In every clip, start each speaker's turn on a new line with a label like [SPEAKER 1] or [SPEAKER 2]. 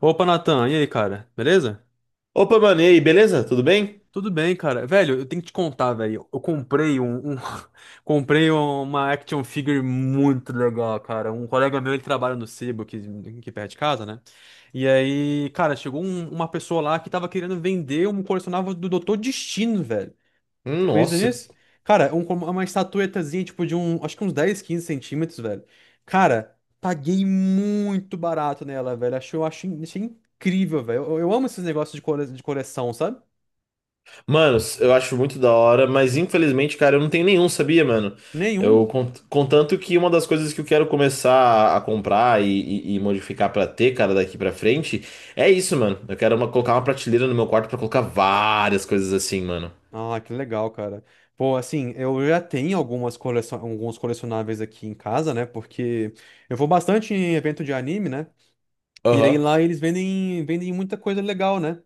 [SPEAKER 1] Opa, Natan, e aí, cara? Beleza?
[SPEAKER 2] Opa, mano, e aí, beleza? Tudo bem?
[SPEAKER 1] Tudo bem, cara. Velho, eu tenho que te contar, velho. Eu comprei um, um- Comprei uma action figure muito legal, cara. Um colega meu, ele trabalha no Sebo, que perto de casa, né? E aí, cara, chegou uma pessoa lá que tava querendo vender um colecionável do Doutor Destino, velho. Você acredita
[SPEAKER 2] Nossa,
[SPEAKER 1] nisso? Cara, uma estatuetazinha, tipo, de um, acho que uns 10, 15 centímetros, velho. Cara, paguei muito barato nela, velho. Achei incrível, velho. Eu amo esses negócios de coleção, sabe?
[SPEAKER 2] mano, eu acho muito da hora, mas infelizmente, cara, eu não tenho nenhum, sabia, mano?
[SPEAKER 1] Nenhum.
[SPEAKER 2] Eu, contanto que uma das coisas que eu quero começar a comprar e modificar pra ter, cara, daqui pra frente, é isso, mano. Colocar uma prateleira no meu quarto pra colocar várias coisas assim, mano.
[SPEAKER 1] Ah, que legal, cara. Pô, assim, eu já tenho alguns colecionáveis aqui em casa, né? Porque eu vou bastante em evento de anime, né? E aí
[SPEAKER 2] Aham.
[SPEAKER 1] lá eles vendem muita coisa legal, né?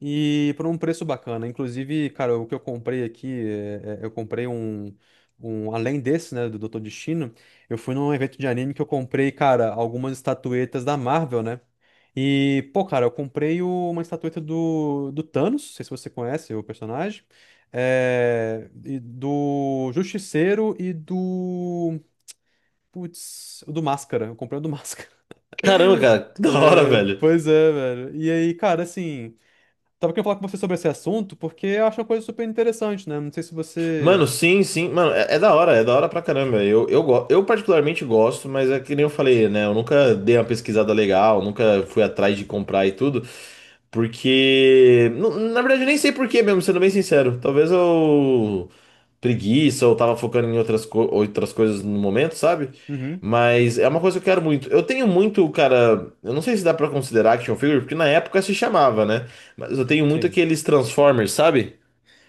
[SPEAKER 1] E por um preço bacana. Inclusive, cara, o que eu comprei aqui, eu comprei além desse, né, do Doutor Destino, eu fui num evento de anime que eu comprei, cara, algumas estatuetas da Marvel, né? E, pô, cara, eu comprei uma estatueta do Thanos, não sei se você conhece o personagem, e do Justiceiro e do. Putz, o do Máscara. Eu comprei o do Máscara.
[SPEAKER 2] Caramba, cara, que da hora,
[SPEAKER 1] É,
[SPEAKER 2] velho.
[SPEAKER 1] pois é, velho. E aí, cara, assim, tava querendo falar com você sobre esse assunto porque eu acho uma coisa super interessante, né? Não sei se
[SPEAKER 2] Mano,
[SPEAKER 1] você.
[SPEAKER 2] sim, sim. Mano, é, é da hora pra caramba. Eu particularmente gosto, mas é que nem eu falei, né? Eu nunca dei uma pesquisada legal, nunca fui atrás de comprar e tudo. Na verdade, eu nem sei por quê mesmo, sendo bem sincero. Talvez eu. Preguiça, ou tava focando em outras coisas no momento, sabe?
[SPEAKER 1] Uhum,
[SPEAKER 2] Mas é uma coisa que eu quero muito. Eu tenho muito, cara. Eu não sei se dá pra considerar action figure, porque na época se chamava, né? Mas eu tenho muito
[SPEAKER 1] sim.
[SPEAKER 2] aqueles Transformers, sabe?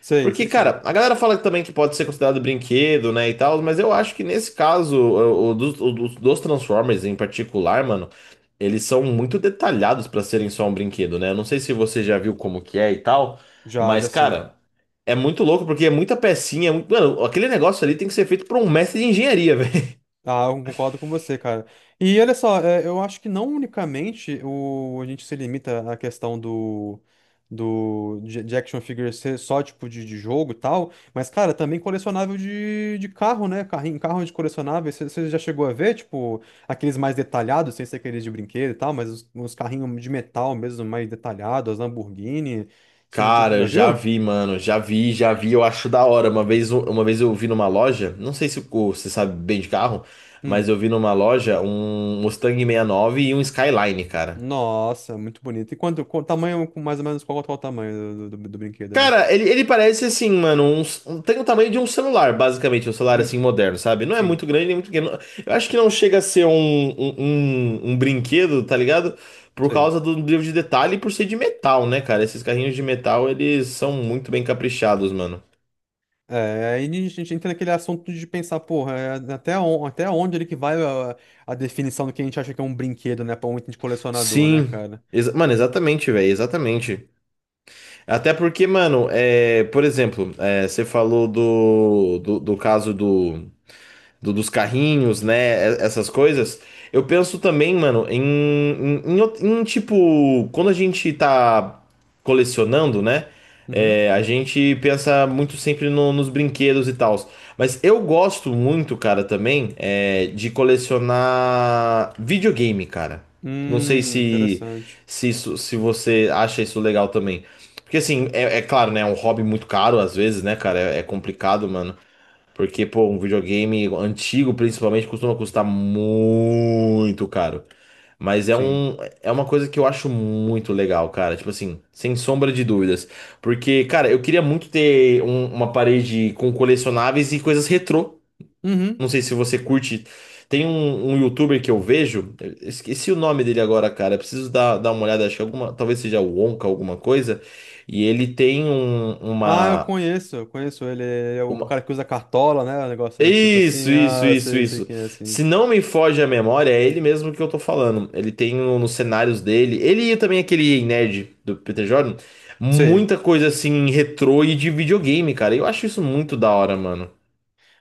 [SPEAKER 1] Sei,
[SPEAKER 2] Porque,
[SPEAKER 1] sei sim.
[SPEAKER 2] cara, a galera fala também que pode ser considerado brinquedo, né, e tal, mas eu acho que nesse caso, dos Transformers em particular, mano, eles são muito detalhados pra serem só um brinquedo, né? Eu não sei se você já viu como que é e tal,
[SPEAKER 1] Já,
[SPEAKER 2] mas,
[SPEAKER 1] já sim.
[SPEAKER 2] cara, é muito louco porque é muita pecinha, mano, aquele negócio ali tem que ser feito por um mestre de engenharia.
[SPEAKER 1] Ah, eu concordo com você, cara. E olha só, eu acho que não unicamente a gente se limita à questão de action figure ser só tipo de jogo e tal, mas, cara, também colecionável de carro, né? Carrinho, carro de colecionável. Você já chegou a ver, tipo, aqueles mais detalhados, sem ser aqueles de brinquedo e tal, mas os carrinhos de metal mesmo, mais detalhados, as Lamborghini. Você já, já
[SPEAKER 2] Cara, eu
[SPEAKER 1] já
[SPEAKER 2] já
[SPEAKER 1] viu?
[SPEAKER 2] vi, mano, já vi, eu acho da hora. Uma vez eu vi numa loja, não sei se você sabe bem de carro, mas
[SPEAKER 1] Hum.
[SPEAKER 2] eu vi numa loja um Mustang 69 e nove e um Skyline, cara.
[SPEAKER 1] Nossa, muito bonito. E quanto, qual tamanho, mais ou menos, qual o tamanho do brinquedo ali?
[SPEAKER 2] Cara, ele parece assim, mano, tem o tamanho de um celular, basicamente, um celular assim
[SPEAKER 1] Uhum.
[SPEAKER 2] moderno, sabe? Não é
[SPEAKER 1] Sim,
[SPEAKER 2] muito grande, nem muito pequeno. Eu acho que não chega a ser um brinquedo, tá ligado? Por
[SPEAKER 1] sei.
[SPEAKER 2] causa do nível de detalhe e por ser de metal, né, cara? Esses carrinhos de metal, eles são muito bem caprichados, mano.
[SPEAKER 1] É, aí a gente entra naquele assunto de pensar, porra, até onde ele que vai a definição do que a gente acha que é um brinquedo, né? Pra um item de colecionador, né,
[SPEAKER 2] Sim,
[SPEAKER 1] cara?
[SPEAKER 2] exa- mano, exatamente, velho, exatamente. Até porque, mano, é, por exemplo, é, você falou do caso dos carrinhos, né? Essas coisas. Eu penso também, mano, em tipo, quando a gente tá colecionando, né?
[SPEAKER 1] Uhum.
[SPEAKER 2] É, a gente pensa muito sempre nos brinquedos e tal. Mas eu gosto muito, cara, também, é, de colecionar videogame, cara. Não sei se,
[SPEAKER 1] Interessante.
[SPEAKER 2] se, isso- se você acha isso legal também. Porque assim, é, é claro, né? É um hobby muito caro às vezes, né, cara? É, é complicado, mano. Porque, pô, um videogame antigo, principalmente, costuma custar muito caro. Mas é
[SPEAKER 1] Sim.
[SPEAKER 2] um, é uma coisa que eu acho muito legal, cara. Tipo assim, sem sombra de dúvidas. Porque, cara, eu queria muito ter uma parede com colecionáveis e coisas retrô.
[SPEAKER 1] Uhum.
[SPEAKER 2] Não sei se você curte. Tem um youtuber que eu vejo, eu esqueci o nome dele agora, cara. Eu preciso dar uma olhada, acho que alguma, talvez seja o Wonka, alguma coisa. E ele tem
[SPEAKER 1] Ah,
[SPEAKER 2] uma.
[SPEAKER 1] eu conheço ele. É o
[SPEAKER 2] Uma.
[SPEAKER 1] cara que usa cartola, né? O negócio do tipo assim.
[SPEAKER 2] Isso, isso,
[SPEAKER 1] Ah,
[SPEAKER 2] isso,
[SPEAKER 1] sei, sei
[SPEAKER 2] isso.
[SPEAKER 1] quem é assim.
[SPEAKER 2] Se não me foge a memória, é ele mesmo que eu tô falando. Ele tem nos cenários dele, ele e também aquele nerd do Peter Jordan,
[SPEAKER 1] Sei.
[SPEAKER 2] muita coisa assim retrô e de videogame, cara. Eu acho isso muito da hora, mano.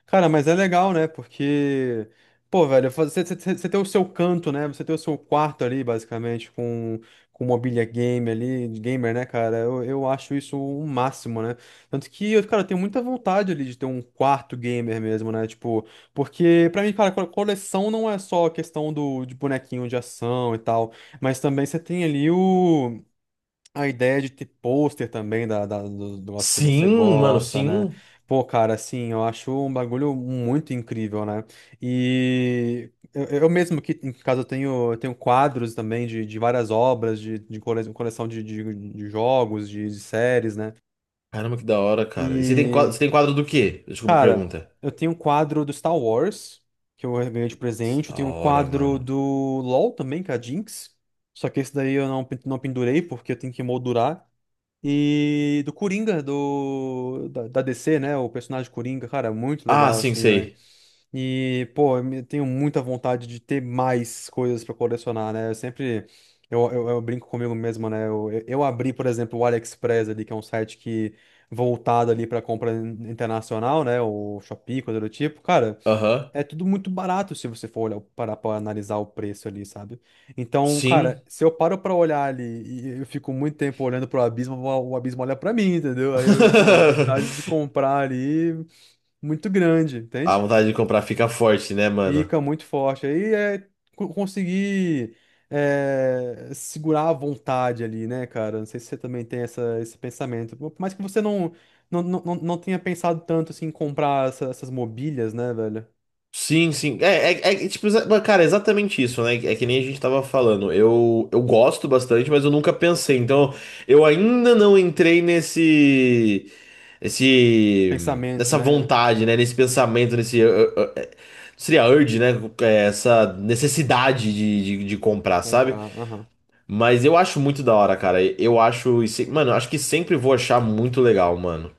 [SPEAKER 1] Cara, mas é legal, né? Porque, pô, velho, você tem o seu canto, né? Você tem o seu quarto ali, basicamente, com mobília game ali, de gamer, né, cara? Eu acho isso o máximo, né? Tanto que, eu, cara, eu tenho muita vontade ali de ter um quarto gamer mesmo, né? Tipo, porque pra mim, cara, coleção não é só a questão de bonequinho de ação e tal, mas também você tem ali o. A ideia de ter pôster também do negócio que você
[SPEAKER 2] Sim, mano,
[SPEAKER 1] gosta, né?
[SPEAKER 2] sim.
[SPEAKER 1] Pô, cara, assim, eu acho um bagulho muito incrível, né? E eu mesmo que em casa eu tenho quadros também de várias obras, de coleção de jogos, de séries, né?
[SPEAKER 2] Caramba, que da hora, cara. E
[SPEAKER 1] E,
[SPEAKER 2] você tem quadro do quê? Desculpa a
[SPEAKER 1] cara,
[SPEAKER 2] pergunta.
[SPEAKER 1] eu tenho um quadro do Star Wars, que eu ganhei de presente, eu
[SPEAKER 2] Da
[SPEAKER 1] tenho um
[SPEAKER 2] hora,
[SPEAKER 1] quadro
[SPEAKER 2] mano.
[SPEAKER 1] do LoL também, que é a Jinx. Só que esse daí eu não pendurei porque eu tenho que moldurar. E do Coringa, da DC, né? O personagem Coringa, cara, muito
[SPEAKER 2] Ah,
[SPEAKER 1] legal,
[SPEAKER 2] sim,
[SPEAKER 1] assim, velho.
[SPEAKER 2] sei.
[SPEAKER 1] E, pô, eu tenho muita vontade de ter mais coisas pra colecionar, né? Eu sempre. Eu brinco comigo mesmo, né? Eu abri, por exemplo, o AliExpress ali, que é um site que voltado ali pra compra internacional, né? O Shopee, coisa do tipo. Cara,
[SPEAKER 2] Aham.
[SPEAKER 1] é tudo muito barato se você for olhar, para analisar o preço ali, sabe? Então, cara,
[SPEAKER 2] Sim.
[SPEAKER 1] se eu paro pra olhar ali e eu fico muito tempo olhando pro abismo, o abismo olha pra mim, entendeu? Aí eu, pô, vontade de comprar ali muito grande,
[SPEAKER 2] A
[SPEAKER 1] entende?
[SPEAKER 2] vontade de comprar fica forte, né, mano?
[SPEAKER 1] Fica muito forte. Aí é conseguir segurar a vontade ali, né, cara? Não sei se você também tem essa, esse pensamento. Por mais que você não tenha pensado tanto assim, em comprar essas mobílias, né, velho?
[SPEAKER 2] Sim, sim. Cara, é exatamente isso, né? É que nem a gente tava falando. Eu gosto bastante, mas eu nunca pensei. Então, eu ainda não entrei nesse, esse,
[SPEAKER 1] Pensamento,
[SPEAKER 2] nessa
[SPEAKER 1] né?
[SPEAKER 2] vontade, né? Nesse pensamento, nesse, seria urge, né? É, essa necessidade de comprar, sabe?
[SPEAKER 1] Comprar, aham.
[SPEAKER 2] Mas eu acho muito da hora, cara. Mano, eu acho que sempre vou achar muito legal, mano.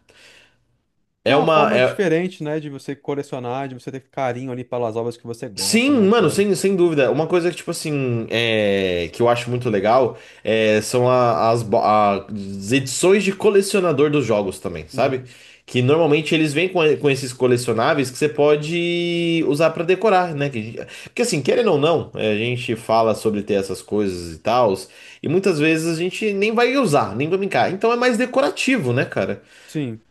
[SPEAKER 1] Que é
[SPEAKER 2] É
[SPEAKER 1] uma
[SPEAKER 2] uma,
[SPEAKER 1] forma
[SPEAKER 2] é,
[SPEAKER 1] diferente, né, de você colecionar, de você ter carinho ali pelas obras que você gosta,
[SPEAKER 2] sim,
[SPEAKER 1] né,
[SPEAKER 2] mano,
[SPEAKER 1] cara?
[SPEAKER 2] sem, sem dúvida. Uma coisa que, tipo assim, é, que eu acho muito legal é, são as edições de colecionador dos jogos também, sabe?
[SPEAKER 1] Uhum.
[SPEAKER 2] Que normalmente eles vêm com esses colecionáveis que você pode usar pra decorar, né? Que, porque assim, querendo ou não, é, a gente fala sobre ter essas coisas e tal, e muitas vezes a gente nem vai usar, nem vai brincar. Então é mais decorativo, né, cara?
[SPEAKER 1] Sim,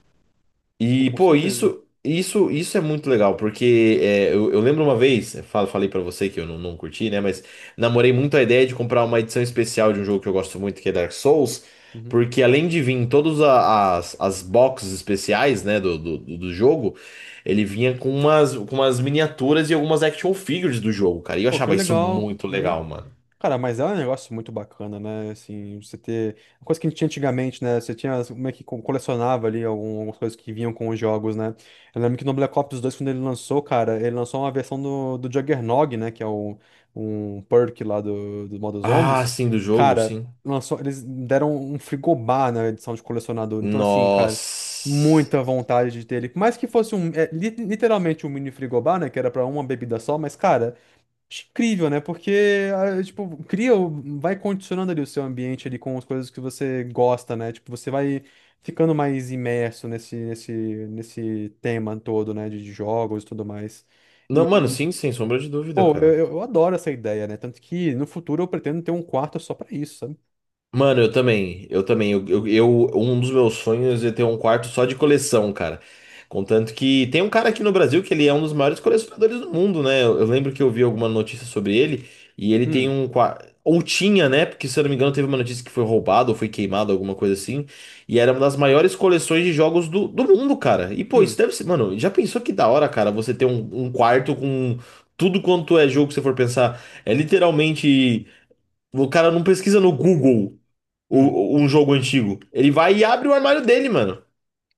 [SPEAKER 1] oh,
[SPEAKER 2] E,
[SPEAKER 1] com
[SPEAKER 2] pô,
[SPEAKER 1] certeza.
[SPEAKER 2] isso é muito legal, porque é, eu lembro uma vez, eu falei pra você que eu não, não curti, né? Mas namorei muito a ideia de comprar uma edição especial de um jogo que eu gosto muito, que é Dark Souls,
[SPEAKER 1] Uhum.
[SPEAKER 2] porque além de vir em todas as boxes especiais, né, do do jogo, ele vinha com umas miniaturas e algumas action figures do jogo, cara. E eu
[SPEAKER 1] Pô, que
[SPEAKER 2] achava isso
[SPEAKER 1] legal.
[SPEAKER 2] muito
[SPEAKER 1] Uhum.
[SPEAKER 2] legal, mano.
[SPEAKER 1] Cara, mas é um negócio muito bacana, né? Assim, você ter. Uma coisa que a gente tinha antigamente, né? Você tinha como é que colecionava ali algumas coisas que vinham com os jogos, né? Eu lembro que no Black Ops 2 quando ele lançou, cara, ele lançou uma versão do Juggernog, né? Que é um perk lá do modo
[SPEAKER 2] Ah,
[SPEAKER 1] zombies.
[SPEAKER 2] sim, do jogo,
[SPEAKER 1] Cara,
[SPEAKER 2] sim.
[SPEAKER 1] lançou, eles deram um frigobar na edição de colecionador. Então, assim, cara,
[SPEAKER 2] Nossa.
[SPEAKER 1] muita vontade de ter ele. Por mais que fosse um. Literalmente um mini frigobar, né? Que era pra uma bebida só, mas, cara. Incrível, né? Porque, ah, tipo, vai condicionando ali o seu ambiente ali com as coisas que você gosta, né? Tipo, você vai ficando mais imerso nesse tema todo, né? De jogos e tudo mais.
[SPEAKER 2] Não, mano,
[SPEAKER 1] E,
[SPEAKER 2] sim, sem sombra de dúvida,
[SPEAKER 1] pô, eu,
[SPEAKER 2] cara.
[SPEAKER 1] eu eu adoro essa ideia, né? Tanto que no futuro eu pretendo ter um quarto só pra isso, sabe?
[SPEAKER 2] Mano, eu também, um dos meus sonhos é ter um quarto só de coleção, cara. Contanto que tem um cara aqui no Brasil que ele é um dos maiores colecionadores do mundo, né? Eu lembro que eu vi alguma notícia sobre ele e ele tem
[SPEAKER 1] Hum,
[SPEAKER 2] um quarto, ou tinha, né? Porque se eu não me engano teve uma notícia que foi roubado ou foi queimado, alguma coisa assim. E era uma das maiores coleções de jogos do mundo, cara. E pô, isso
[SPEAKER 1] hum,
[SPEAKER 2] deve ser, mano, já pensou que da hora, cara, você ter um quarto com tudo quanto é jogo que você for pensar? É literalmente, o cara não pesquisa no Google
[SPEAKER 1] hum.
[SPEAKER 2] um jogo antigo. Ele vai e abre o armário dele, mano.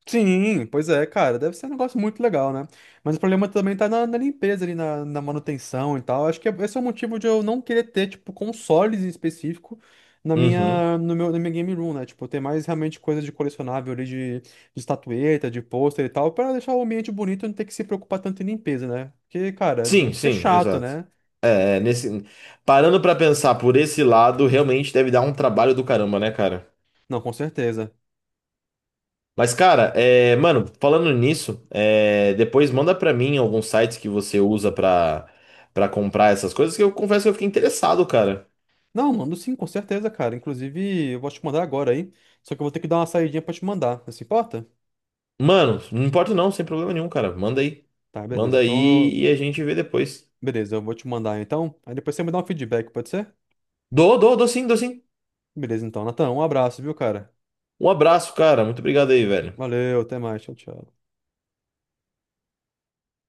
[SPEAKER 1] Sim, pois é, cara, deve ser um negócio muito legal, né? Mas o problema também tá na limpeza ali, na manutenção e tal. Acho que esse é o motivo de eu não querer ter, tipo, consoles em específico na
[SPEAKER 2] Uhum.
[SPEAKER 1] minha, no meu, na minha game room, né? Tipo, ter mais realmente coisa de colecionável ali, de estatueta, de pôster e tal, pra deixar o ambiente bonito e não ter que se preocupar tanto em limpeza, né? Porque, cara,
[SPEAKER 2] Sim,
[SPEAKER 1] deve ser
[SPEAKER 2] sim,
[SPEAKER 1] chato,
[SPEAKER 2] exato.
[SPEAKER 1] né?
[SPEAKER 2] É, é, nesse... Parando pra pensar por esse lado, realmente deve dar um trabalho do caramba, né, cara?
[SPEAKER 1] Não, com certeza.
[SPEAKER 2] Mas, cara, é, mano, falando nisso, é, depois manda pra mim alguns sites que você usa pra comprar essas coisas, que eu confesso que eu fiquei interessado, cara.
[SPEAKER 1] Não, mando sim, com certeza, cara. Inclusive, eu vou te mandar agora aí. Só que eu vou ter que dar uma saidinha pra te mandar. Não se importa?
[SPEAKER 2] Mano, não importa não, sem problema nenhum, cara. Manda aí.
[SPEAKER 1] Tá, beleza.
[SPEAKER 2] Manda
[SPEAKER 1] Então eu
[SPEAKER 2] aí e a gente vê depois.
[SPEAKER 1] Beleza, eu vou te mandar então. Aí depois você me dá um feedback, pode ser?
[SPEAKER 2] Dou, dou, dou sim, dou sim.
[SPEAKER 1] Beleza, então, Natan, um abraço, viu, cara?
[SPEAKER 2] Um abraço, cara. Muito obrigado aí, velho.
[SPEAKER 1] Valeu, até mais, tchau, tchau.